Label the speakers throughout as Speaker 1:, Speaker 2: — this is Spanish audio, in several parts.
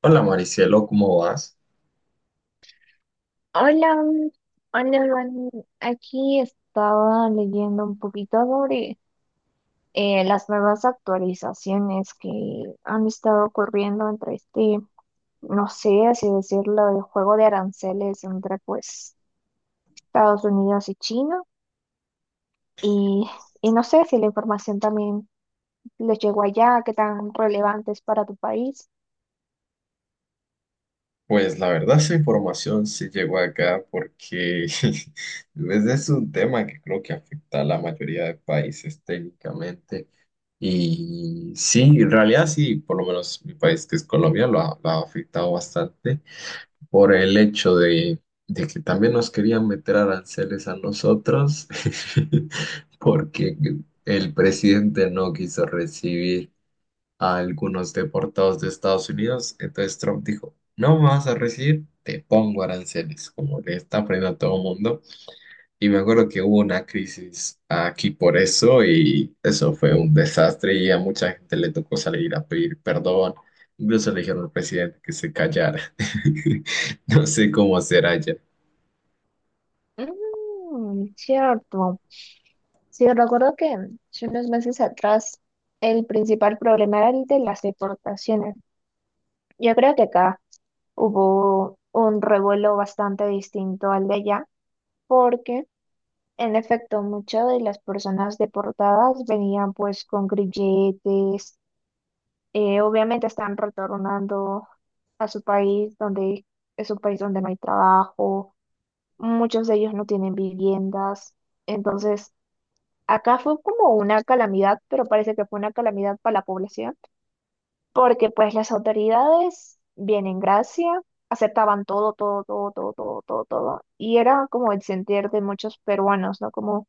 Speaker 1: Hola Maricielo, ¿cómo vas?
Speaker 2: Hola, mm, hola, Dani. Aquí estaba leyendo un poquito sobre las nuevas actualizaciones que han estado ocurriendo entre este, no sé, así decirlo, el juego de aranceles entre pues Estados Unidos y China. Y, y no sé si la información también les llegó allá, qué tan relevante es para tu país.
Speaker 1: Pues la verdad esa información sí llegó acá porque ese es un tema que creo que afecta a la mayoría de países técnicamente. Y sí, en realidad sí, por lo menos mi país que es Colombia lo ha afectado bastante por el hecho de que también nos querían meter aranceles a nosotros porque el presidente no quiso recibir a algunos deportados de Estados Unidos. Entonces Trump dijo, no me vas a recibir, te pongo aranceles, como le está poniendo a todo mundo. Y me acuerdo que hubo una crisis aquí por eso y eso fue un desastre y a mucha gente le tocó salir a pedir perdón. Incluso le dijeron al presidente que se callara. No sé cómo será ya.
Speaker 2: Mm, cierto. Sí, recuerdo que hace unos meses atrás el principal problema era el de las deportaciones. Yo creo que acá hubo un revuelo bastante distinto al de allá, porque en efecto muchas de las personas deportadas venían pues con grilletes, obviamente están retornando a su país donde es un país donde no hay trabajo, muchos de ellos no tienen viviendas, entonces acá fue como una calamidad, pero parece que fue una calamidad para la población, porque pues las autoridades, bien en gracia, aceptaban todo, todo, todo, todo, todo, todo, todo. Y era como el sentir de muchos peruanos, ¿no? Como,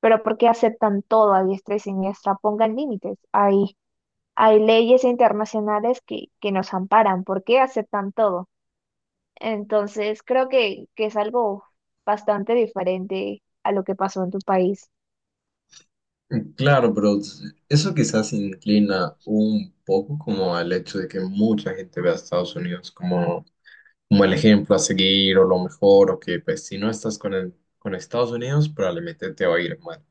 Speaker 2: pero ¿por qué aceptan todo a diestra y siniestra? Pongan límites. Hay leyes internacionales que nos amparan. ¿Por qué aceptan todo? Entonces, creo que es algo bastante diferente a lo que pasó en tu país.
Speaker 1: Claro, pero eso quizás inclina un poco como al hecho de que mucha gente ve a Estados Unidos como el ejemplo a seguir o lo mejor, o que pues si no estás con Estados Unidos probablemente te va a ir mal.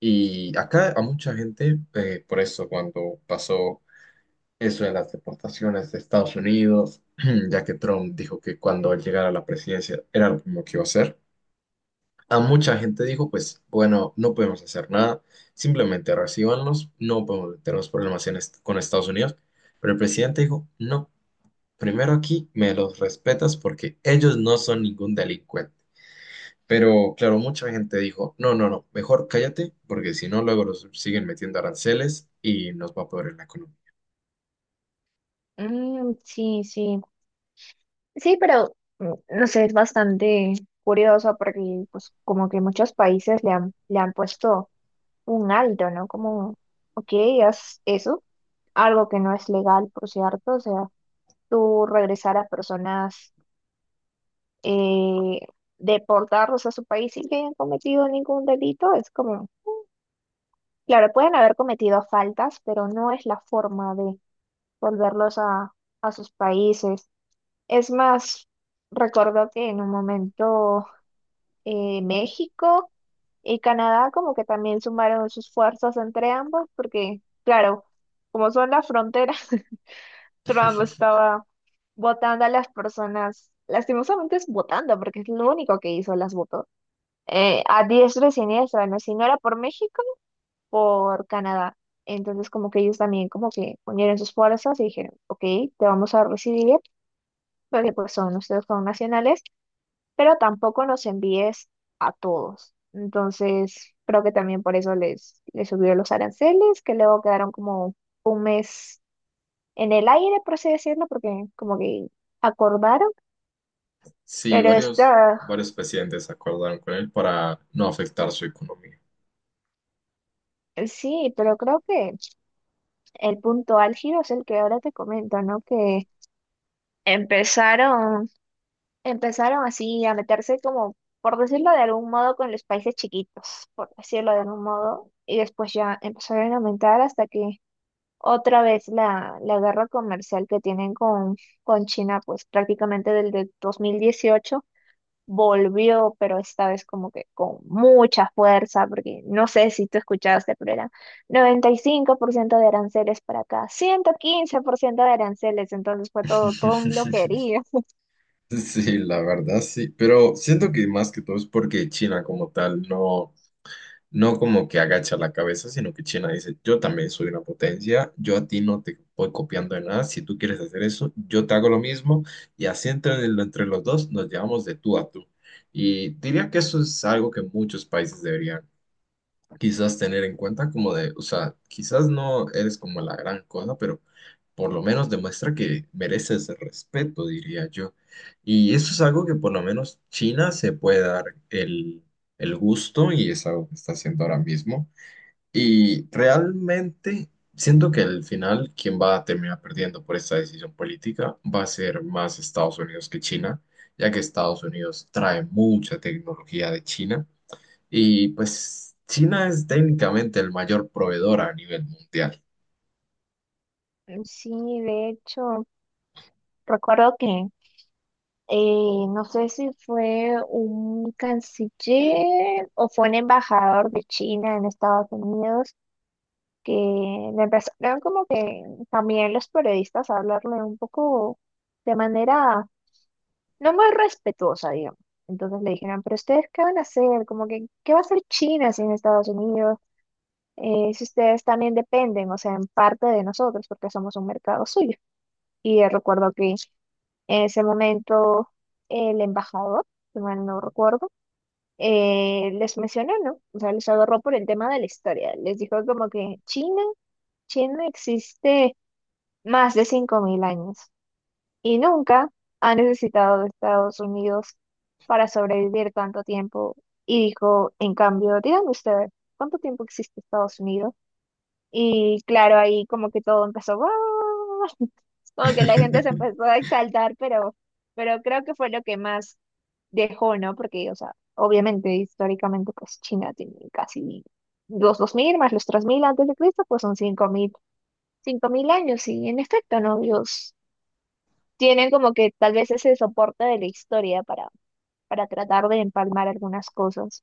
Speaker 1: Y acá a mucha gente, por eso cuando pasó eso de las deportaciones de Estados Unidos, ya que Trump dijo que cuando él llegara a la presidencia era lo mismo que iba a hacer, a mucha gente dijo pues bueno, no podemos hacer nada, simplemente recíbanlos, no podemos meternos problemas con Estados Unidos, pero el presidente dijo no. Primero aquí me los respetas porque ellos no son ningún delincuente. Pero claro, mucha gente dijo, no, no, no, mejor cállate porque si no luego los siguen metiendo aranceles y nos va a poder en la economía.
Speaker 2: Mm, sí, sí. Sí, pero mm, no sé, es bastante curioso porque pues como que muchos países le han puesto un alto, ¿no? Como, ok, haz eso, algo que no es legal, por cierto, o sea, tú regresar a personas, eh, deportarlos a su país sin que hayan cometido ningún delito, es como, claro, pueden haber cometido faltas, pero no es la forma de volverlos a sus países. Es más, recuerdo que en un momento, México y Canadá como que también sumaron sus fuerzas entre ambos, porque claro, como son las fronteras, Trump estaba votando a las personas, lastimosamente es votando, porque es lo único que hizo, las votó, a diestra y siniestra, ¿no? Si no era por México, por Canadá. Entonces como que ellos también como que unieron sus fuerzas y dijeron, ok, te vamos a recibir, porque pues son ustedes con pero tampoco nos envíes a todos. Entonces, creo que también por eso les subió los aranceles, que luego quedaron como un mes en el aire, por así decirlo, porque como que acordaron,
Speaker 1: Sí,
Speaker 2: pero
Speaker 1: varios,
Speaker 2: está,
Speaker 1: varios presidentes acordaron con él para no afectar su economía.
Speaker 2: sí, pero creo que el punto álgido es el que ahora te comento, ¿no? Que empezaron, empezaron así a meterse como, por decirlo de algún modo, con los países chiquitos, por decirlo de algún modo, y después ya empezaron a aumentar hasta que otra vez la guerra comercial que tienen con China, pues prácticamente desde 2018 volvió, pero esta vez como que con mucha fuerza, porque no sé si tú escuchaste, pero era 95% de aranceles para acá, 115% de aranceles, entonces fue todo, todo un loquerío.
Speaker 1: Sí, la verdad sí, pero siento que más que todo es porque China como tal no como que agacha la cabeza, sino que China dice, yo también soy una potencia, yo a ti no te voy copiando de nada, si tú quieres hacer eso, yo te hago lo mismo y así entre los dos nos llevamos de tú a tú. Y diría que eso es algo que muchos países deberían quizás tener en cuenta como de, o sea, quizás no eres como la gran cosa, pero por lo menos demuestra que mereces el respeto, diría yo. Y eso es algo que por lo menos China se puede dar el, el gusto y es algo que está haciendo ahora mismo. Y realmente siento que al final quien va a terminar perdiendo por esta decisión política va a ser más Estados Unidos que China, ya que Estados Unidos trae mucha tecnología de China y pues China es técnicamente el mayor proveedor a nivel mundial.
Speaker 2: Sí, de hecho, recuerdo que no sé si fue un canciller o fue un embajador de China en Estados Unidos que le empezaron como que también los periodistas a hablarle un poco de manera no muy respetuosa, digamos. Entonces le dijeron, pero ustedes, ¿qué van a hacer? Como que, ¿qué va a hacer China sin Estados Unidos? Si ustedes también dependen, o sea, en parte de nosotros, porque somos un mercado suyo. Y recuerdo que en ese momento el embajador, si mal no recuerdo, les mencionó, ¿no? O sea, les agarró por el tema de la historia. Les dijo como que China existe más de 5000 años y nunca ha necesitado de Estados Unidos para sobrevivir tanto tiempo. Y dijo, en cambio, díganme ustedes, ¿cuánto tiempo existe Estados Unidos? Y claro, ahí como que todo empezó, "¡Guau!". Como que la gente se empezó a exaltar, pero creo que fue lo que más dejó, ¿no? Porque, o sea, obviamente históricamente pues China tiene casi los 2000 más los 3000 antes de Cristo, pues son cinco mil años y en efecto, ¿no? Ellos tienen como que tal vez ese soporte de la historia para tratar de empalmar algunas cosas.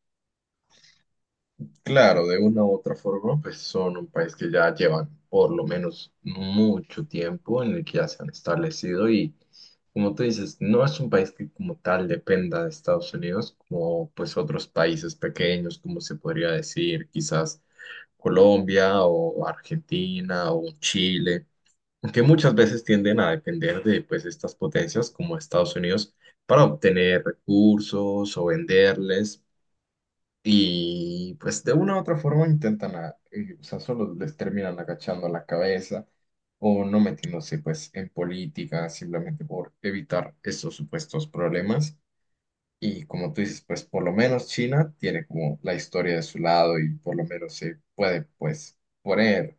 Speaker 1: Claro, de una u otra forma, pues son un país que ya llevan por lo menos mucho tiempo en el que ya se han establecido y, como tú dices, no es un país que como tal dependa de Estados Unidos, como pues otros países pequeños, como se podría decir, quizás Colombia o Argentina o Chile, que muchas veces tienden a depender de pues, estas potencias como Estados Unidos para obtener recursos o venderles y pues de una u otra forma intentan, o sea, solo les terminan agachando la cabeza o no metiéndose pues en política simplemente por evitar estos supuestos problemas. Y como tú dices, pues por lo menos China tiene como la historia de su lado y por lo menos se puede pues poner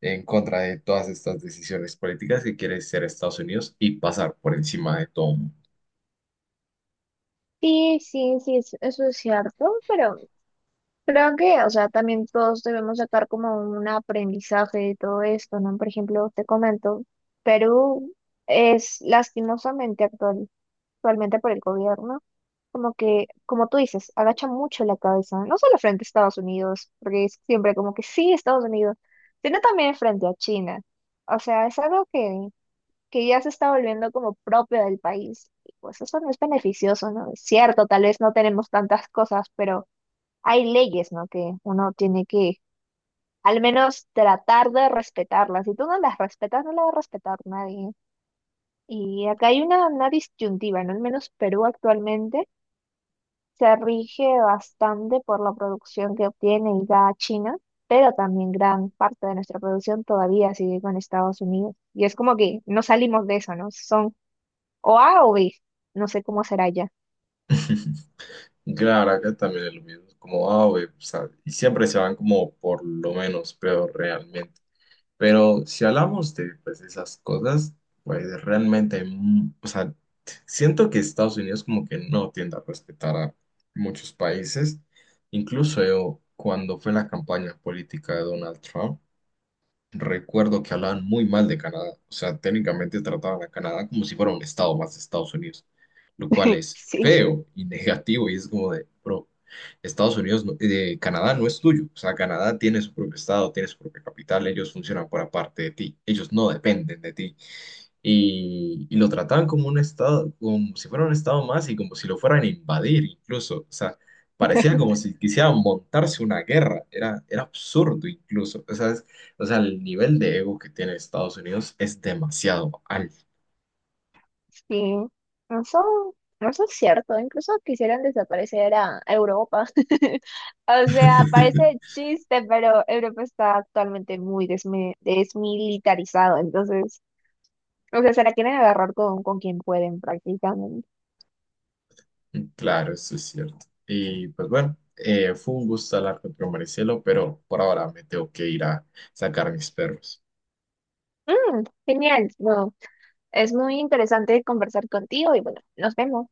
Speaker 1: en contra de todas estas decisiones políticas que quiere ser Estados Unidos y pasar por encima de todo.
Speaker 2: Sí, sí, sí, es- eso es cierto, pero creo que, o sea, también todos debemos sacar como un aprendizaje de todo esto, ¿no? Por ejemplo, te comento, Perú es lastimosamente actual, actualmente por el gobierno, como que, como tú dices, agacha mucho la cabeza, no solo frente a Estados Unidos, porque es siempre como que sí, Estados Unidos, sino también frente a China. O sea, es algo que ya se está volviendo como propio del país. Y pues eso no es beneficioso, ¿no? Es cierto, tal vez no tenemos tantas cosas, pero hay leyes, ¿no? Que uno tiene que al menos tratar de respetarlas. Si tú no las respetas, no las va a respetar nadie. Y acá hay una disyuntiva, ¿no? Al menos Perú actualmente se rige bastante por la producción que obtiene y da China, pero también gran parte de nuestra producción todavía sigue con Estados Unidos. Y es como que no salimos de eso, ¿no? Son O A o B. No sé cómo será ya.
Speaker 1: Claro, acá también es lo mismo, como, ah, güey, o sea, y siempre se van como por lo menos peor realmente. Pero si hablamos de pues, esas cosas, pues realmente, o sea, siento que Estados Unidos como que no tiende a respetar a muchos países. Incluso yo, cuando fue la campaña política de Donald Trump, recuerdo que hablaban muy mal de Canadá, o sea, técnicamente trataban a Canadá como si fuera un estado más de Estados Unidos, lo cual es
Speaker 2: Sí,
Speaker 1: feo y negativo y es como de, bro, Estados Unidos, Canadá no es tuyo, o sea, Canadá tiene su propio estado, tiene su propia capital, ellos funcionan por aparte de ti, ellos no dependen de ti y lo trataban como un estado, como si fuera un estado más y como si lo fueran a invadir incluso. O sea, parecía como si quisieran montarse una guerra. Era absurdo incluso. O sea, el nivel de ego que tiene Estados Unidos es demasiado alto.
Speaker 2: sí. No son, no son cierto. Incluso quisieran desaparecer a Europa. O sea, parece chiste, pero Europa está actualmente muy desmi- desmilitarizado. Entonces, o sea, se la quieren agarrar con quien pueden prácticamente.
Speaker 1: Claro, eso es cierto. Y pues bueno, fue un gusto hablar con Maricelo, pero por ahora me tengo que ir a sacar mis perros.
Speaker 2: Mm, genial. No, es muy interesante conversar contigo y bueno, nos vemos.